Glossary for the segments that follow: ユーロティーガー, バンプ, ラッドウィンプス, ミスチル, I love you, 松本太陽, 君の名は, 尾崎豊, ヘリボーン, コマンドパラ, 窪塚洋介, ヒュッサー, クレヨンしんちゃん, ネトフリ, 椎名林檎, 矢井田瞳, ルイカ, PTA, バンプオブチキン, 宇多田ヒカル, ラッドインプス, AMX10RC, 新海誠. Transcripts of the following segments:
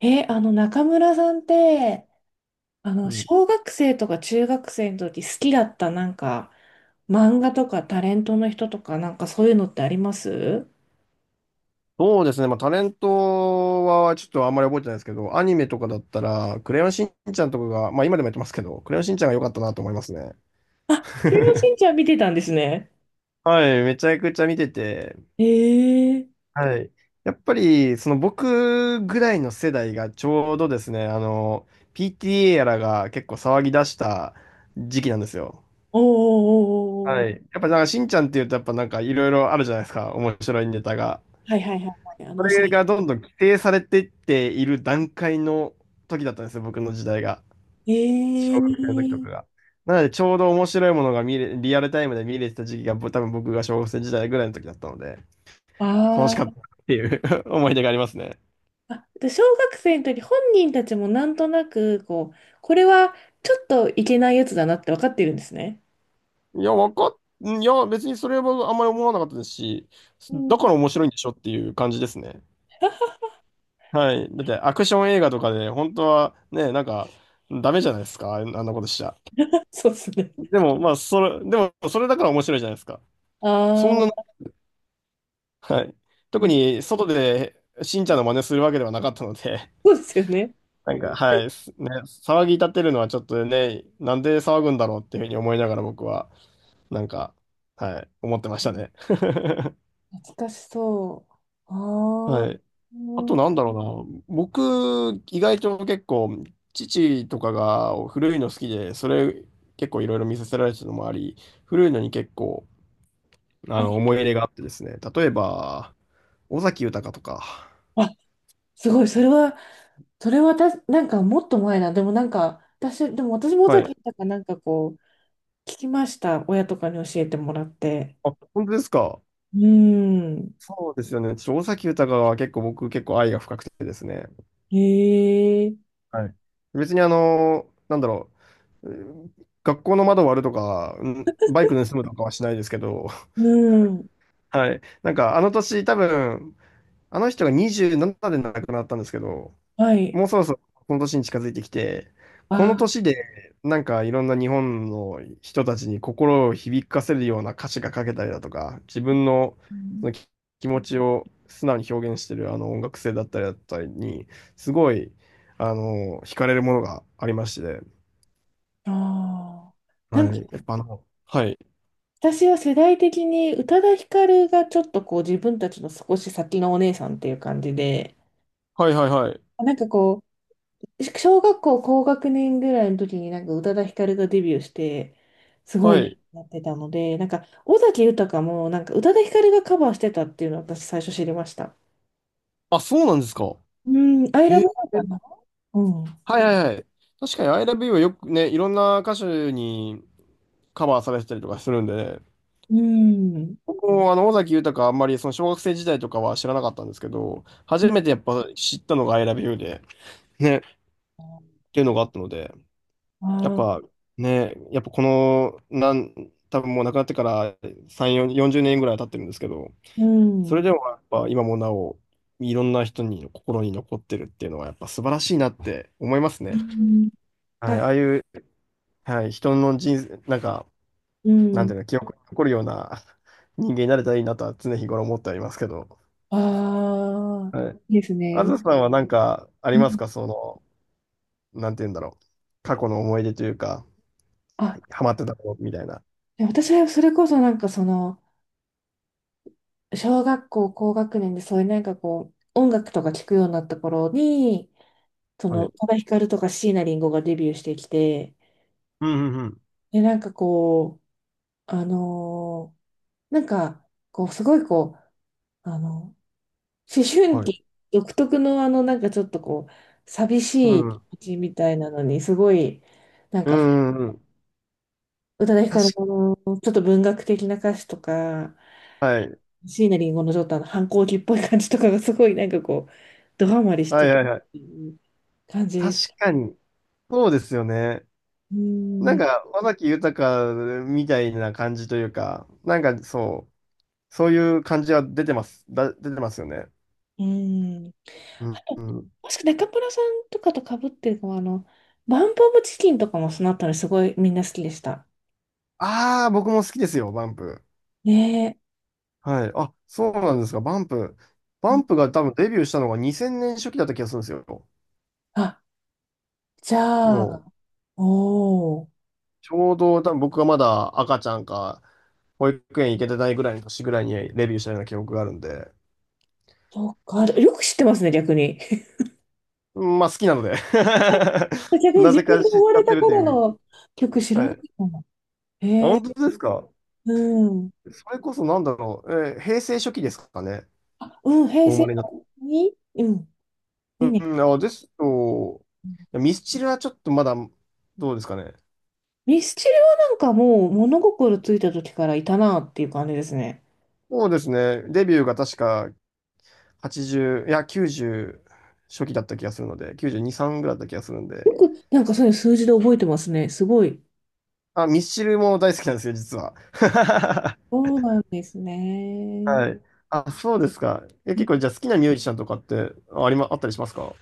え、あの、中村さんって、うん、小学生とか中学生の時好きだった漫画とかタレントの人とかなんかそういうのってあります？そうですね、まあ、タレントはちょっとあんまり覚えてないですけど、アニメとかだったら、クレヨンしんちゃんとかが、まあ今でもやってますけど、クレヨンしんちゃんが良かったなと思いますね。あ、クレヨンし んちゃん見てたんですね。はい、めちゃくちゃ見てて、ええ。はい。やっぱり、その僕ぐらいの世代がちょうどですね、PTA やらが結構騒ぎ出した時期なんですよ。おーおーおーおー。はい。やっぱなんかしんちゃんっていうと、やっぱなんかいろいろあるじゃないですか、面白いネタが。はいはいはいはい、そおれが尻。どんどん規定されていっている段階の時だったんですよ、僕の時代が。え小学生の時とかえ。が。なので、ちょうど面白いものがリアルタイムで見れてた時期が、多分僕が小学生時代ぐらいの時だったので、あ楽しかっー。たっていう 思い出がありますね。あ、で小学生の時本人たちもなんとなく、こう、これはちょっといけないやつだなって分かってるんですね。いや、わかっ、いや、別にそれはあんまり思わなかったですし、うだかん。 ら面白いんでしょっていう感じですね。はい。だって、アクション映画とかで、本当はね、なんか、ダメじゃないですか、あんなことしちゃ。そうですね。でも、まあ、それだから面白いじゃないですか。そあんな、あ。はい。特に外でしんちゃんの真似するわけではなかったので、そうですよね。なんか、はい、騒ぎ立てるのはちょっとね、なんで騒ぐんだろうっていうふうに思いながら僕は、なんか、はい、思ってましたね。懐かしそう。あはー。い。あうとん。なんだろうな、僕、意外と結構、父とかが古いの好きで、それ結構いろいろ見させられてたのもあり、古いのに結構、ああ、の、思い入れがあってですね、例えば、尾崎豊とか、あ、すごい。それは、それはた、なんかもっと前な。でもなんか、私、でも私も尾はい。崎たかなんかこう、聞きました。親とかに教えてもらって。あ、本当ですか。うん。そうですよね。ちょっと尾崎豊は結構僕結構愛が深くてですね。へえ。はい。別にあの、なんだろう、うん、学校の窓割るとか、うんバイク盗むとかはしないですけど、うん。はい。なんかあの年多分、あの人が27で亡くなったんですけど、はい。もうそろそろこの年に近づいてきて、このあ、年でなんかいろんな日本の人たちに心を響かせるような歌詞が書けたりだとか、自分のうそん。の気気持ちを素直に表現してるあの音楽性だったりに、すごい、あの、惹かれるものがありまして、あー。なはんか、い。やっぱあの、はい。私は世代的に宇多田ヒカルがちょっとこう、自分たちの少し先のお姉さんっていう感じで、はいはいはい。なんかこう、小学校高学年ぐらいの時になんか宇多田ヒカルがデビューして、すごはいない。ってたので、なんか尾崎豊もなんか宇多田ヒカルがカバーしてたっていうのを私最初知りました。あ、そうなんですか。うん、アイへラえ。ブかな。うん。はいはいはい。確かに I love you はよくね、いろんな歌手にカバーされてたりとかするんでね、うん。僕もあの尾崎豊あんまりその小学生時代とかは知らなかったんですけど、初めてやっぱ知ったのが I love you で、ね、っていうのがあったので、やっああ。ぱね、やっぱこの、多分もう亡くなってから3、4 40年ぐらい経ってるんですけど、うそれん。でもやっぱ今もなお、いろんな人に心に残ってるっていうのはやっぱ素晴らしいなって思いますうね。ん。はい、あ、ああいう、はい、人の人生、なんか、うなんてん。いうの、記憶に残るような人間になれたらいいなとは常日頃思ってはいますけど。ああ、はい。いいですあね。ずさんはなんかありうますん。か？その、なんて言うんだろう。過去の思い出というか、はあ、い、ハマってたことみたいな。で私はそれこそ小学校高学年でそういう音楽とか聴くようになった頃に、そはの、宇い。多田ヒカルとか椎名林檎がデビューしてきて、うんうんで、なんかこう、あのーなんか、こう、すごいこう、あの、思春はい。期独特のあの、なんかちょっとこう、寂うしいん。は気い持ちみたいなのに、すごい、なんうか、ん。うんうんうん。宇多田ヒカル確のちょっと文学的な歌詞とか、はい。椎名林檎のちょっとあの反抗期っぽい感じとかがすごいなんかこう、ドハマりしはてるっいはいはい。ていう感じで確す。かに。そうですよね。うーなん、んうか、尾崎豊みたいな感じというか、なんかそう、そういう感じは出てます。出てますよね。ーん。うん、う ん。もしくは中村さんとかと被ってるのは、あの、バンプオブチキンとかもそのあたりすごいみんな好きでした。ああ、僕も好きですよ、バンプ。ね。はい。あ、そうなんですか。バンプ。バえ。ンプが多分デビューしたのが2000年初期だった気がするんですよ。あ、じゃもう、あ、おー、ちょうど多分僕がまだ赤ちゃんか、保育園行けてないぐらいの年ぐらいにレビューしたような記憶があるんで。そっか。よく知ってますね、逆に。うん、まあ好きなので 逆にな自ぜ分かで知っ生ちまゃれってたるってい頃う。の曲知らはない。いかも。あ、へえ、本当ですか。うん。それこそなんだろう。平成初期ですかね。うん、平お生成まれになっに、うん、た。にねん。うん、あ、ですと、ミスチルはちょっとまだ、どうですかね。ミスチルはなんかもう物心ついた時からいたなっていう感じですね。そうですね。デビューが確か80、いや、90初期だった気がするので、92、3ぐらいだった気がするんで。よくなんかそういう数字で覚えてますね。すごい。あ、ミスチルも大好きなんですよ、実は。そうなんですね。はい。あ、そうですか。え、結構じゃあ好きなミュージシャンとかってあありま、あったりしますか？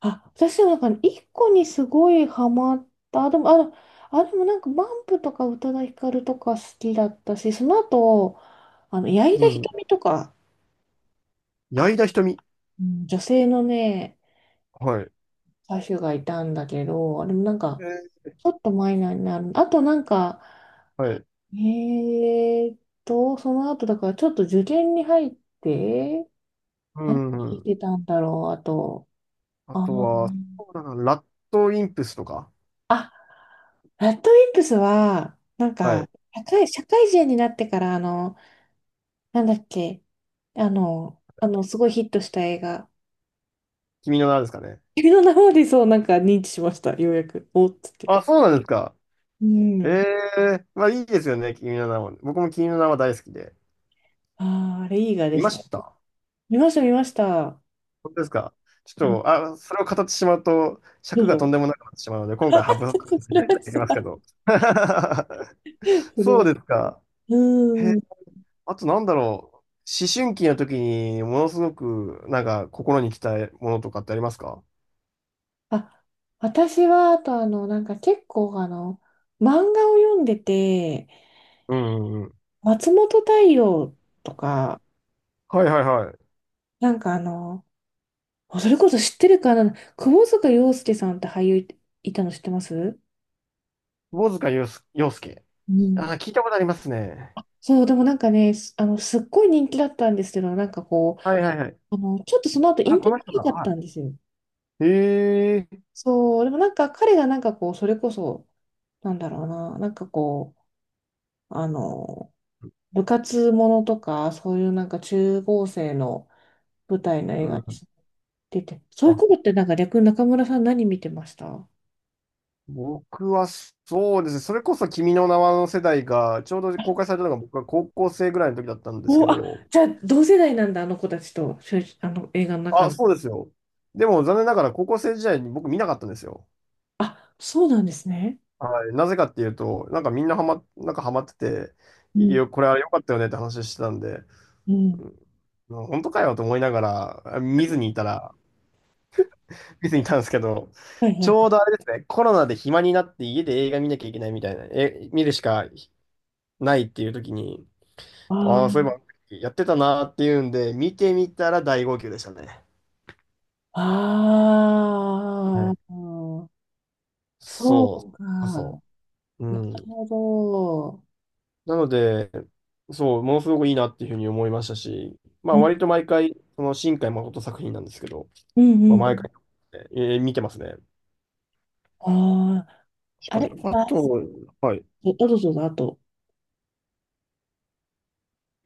あ、私はなんか一個にすごいハマった。でも、あ、あ、でもなんかバンプとか宇多田ヒカルとか好きだったし、その後、あの、矢井う田ん。瞳とか、矢井あ、田瞳。うん、女性のね、はい。歌手がいたんだけど、あれもなんえか、ーちょっとマイナーになる。あとなんか、はい。えーっその後だからちょっと受験に入って、う何ん聞ういん。てたんだろう、あと、ああとー、は、そうだな、ラッドインプスとか。ラッドウィンプスは、なんはか、い。社会、社会人になってから、あの、なんだっけ、あの、すごいヒットした映画。君の名はですかね。君の名はでそう、なんか認知しました、ようやく。おっつって。あ、そうなんですか。うん。ええ、まあいいですよね、君の名は。僕も君の名は大好きで。ああ、あれ、いい映画で見しまた。した。見ました、見ました。本当ですか。ちうん。ょっと、あ、それを語ってしまうと、ど尺うがとぞ。んでもなくなってしまうので、今回省くこ とそにれはなりさ、ますけど。それそうは、ですか。へ、うん。あとなんだろう。思春期の時に、ものすごく、なんか、心に来たものとかってありますか？あ、私は、あと、結構、あの、漫画を読んでて、うんうんうん。松本太陽とか、はいはいはい。なんかあの、あそれこそ知ってるかな、窪塚洋介さんって俳優いたの知ってます？窪塚洋介。洋介、うん。あ、聞いたことありますね。そう、でもなんかね、すあの、すっごい人気だったんですけど、はいはいはい。ちょっとその後引あ、退こでの人か。きなかったはんですよ。い。へえ。そう、でもなんか彼がなんかこう、それこそ、なんだろうな、う、あの、部活ものとか、そういうなんか中高生の舞台の映う画ん。に出て、そういうあ、ことってなんか逆に中村さん何見てました？僕はそうですね、それこそ君の名はの世代が、ちょうど公開されたのが僕は高校生ぐらいの時だったんですけお、あ、ど、じゃあ、同世代なんだ、あの子たちと、しゅあの、映画の中あ、の。そうですよ。でも残念ながら高校生時代に僕見なかったんですよ。あ、そうなんですね。はい。なぜかっていうと、なんかみんなハマ、なんかハマってて、ういん、やこれあれ良かったよねって話してたんで、うん。うん、本当かよと思いながら、あ、見ずにいたら、見ずにいたんですけど、はいはちょうい。どあれですね、コロナで暇になって家で映画見なきゃいけないみたいな、え、見るしかないっていう時に、あああ、そういえーば、やってたなーっていうんで、見てみたら大号泣でしたね。はあい。ー、そそうか。う、そなう。るうん。ほなので、そう、ものすごくいいなっていうふうに思いましたし、まあ、ど。ね。割と毎回、その新海誠作品なんですけど、うんまうあ、毎回、ん。見てますね。ああ、確あかれ、に。ああ、と、はい。えあどうぞどうぞ、あと。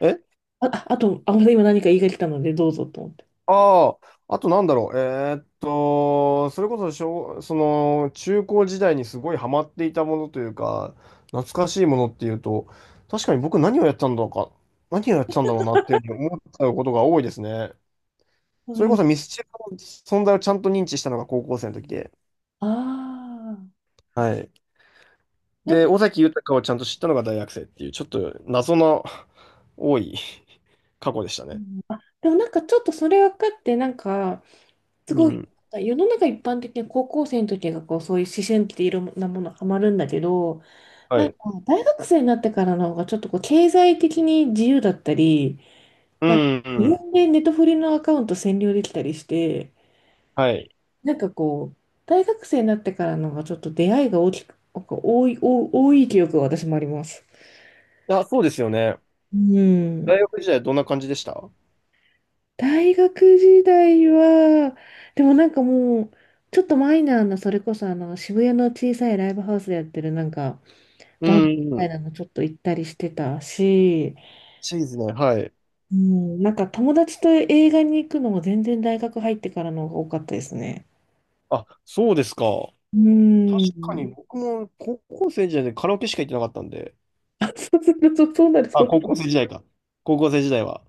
えあ、ああと、あ、また今何か言いが来たので、どうぞと思って。ああ、あとなんだろう。それこそその、中高時代にすごいハマっていたものというか、懐かしいものっていうと、確かに僕何をやってたんだろうか、何をやってたんだろうなっていうふうに思っちゃうことが多いですね。そそうれいこう。そミスチルの存在をちゃんと認知したのが高校生の時で、ああ、はい。なんで、か、尾崎豊をちゃんと知ったのが大学生っていう、ちょっと謎の多い 過去でしたうね。ん、あ、でもなんかちょっとそれ分かって、なんか、すうごい、ん。世の中一般的には高校生の時がこうそういう思春期でいろんなものハマるんだけど、なはんい。か大学生になってからの方がちょっとこう経済的に自由だったり、うなんかん、う自ん。分でネトフリのアカウント占領できたりして、はい。なんかこう、大学生になってからの方がちょっと出会いが大きく、なんか多い記憶が私もあります。あ、そうですよね。う大ん。学時代どんな感じでした？大学時代は、でもなんかもう、ちょっとマイナーな、それこそあの渋谷の小さいライブハウスでやってるなんか、うバンドみたいん。なのちょっと行ったりしてたし、チーズね、はい。うん、なんか友達と映画に行くのも全然大学入ってからの方が多かったですね。あ、そうですか。う確かにん。僕も高校生時代でカラオケしか行ってなかったんで。あ、そうすると、そあ、うな高る。校生時代か。高校生時代は。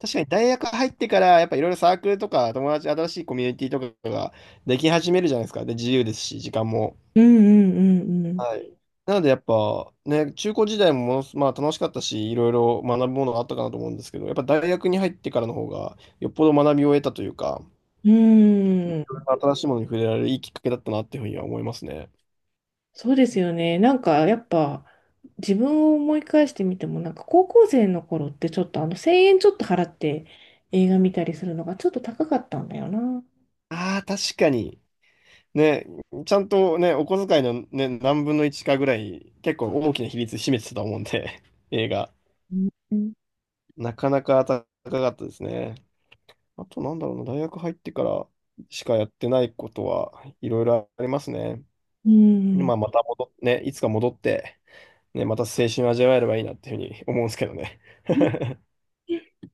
確かに大学入ってから、やっぱいろいろサークルとか友達、新しいコミュニティとかができ始めるじゃないですか。で、自由ですし、時間も。うんうんうんはい。なのでやっぱね、中高時代もものすまあ楽しかったし、いろいろ学ぶものがあったかなと思うんですけど、やっぱ大学に入ってからの方がよっぽど学びを得たというか、うん。うん。新しいものに触れられるいいきっかけだったなっていうふうには思いますね。そうですよね。なんかやっぱ自分を思い返してみても、なんか高校生の頃ってちょっとあの1000円ちょっと払って映画見たりするのがちょっと高かったんだよな。ああ、確かに。ね、ちゃんとね、お小遣いのね、何分の1かぐらい、結構大きな比率占めてたと思うんで、映画。うん。なかなか高かったですね。あとなんだろうな、大学入ってからしかやってないことはいろいろありますね。うんまあ、また戻っ、ね、いつか戻って、ね、また青春味わえればいいなっていうふうに思うんですけどね。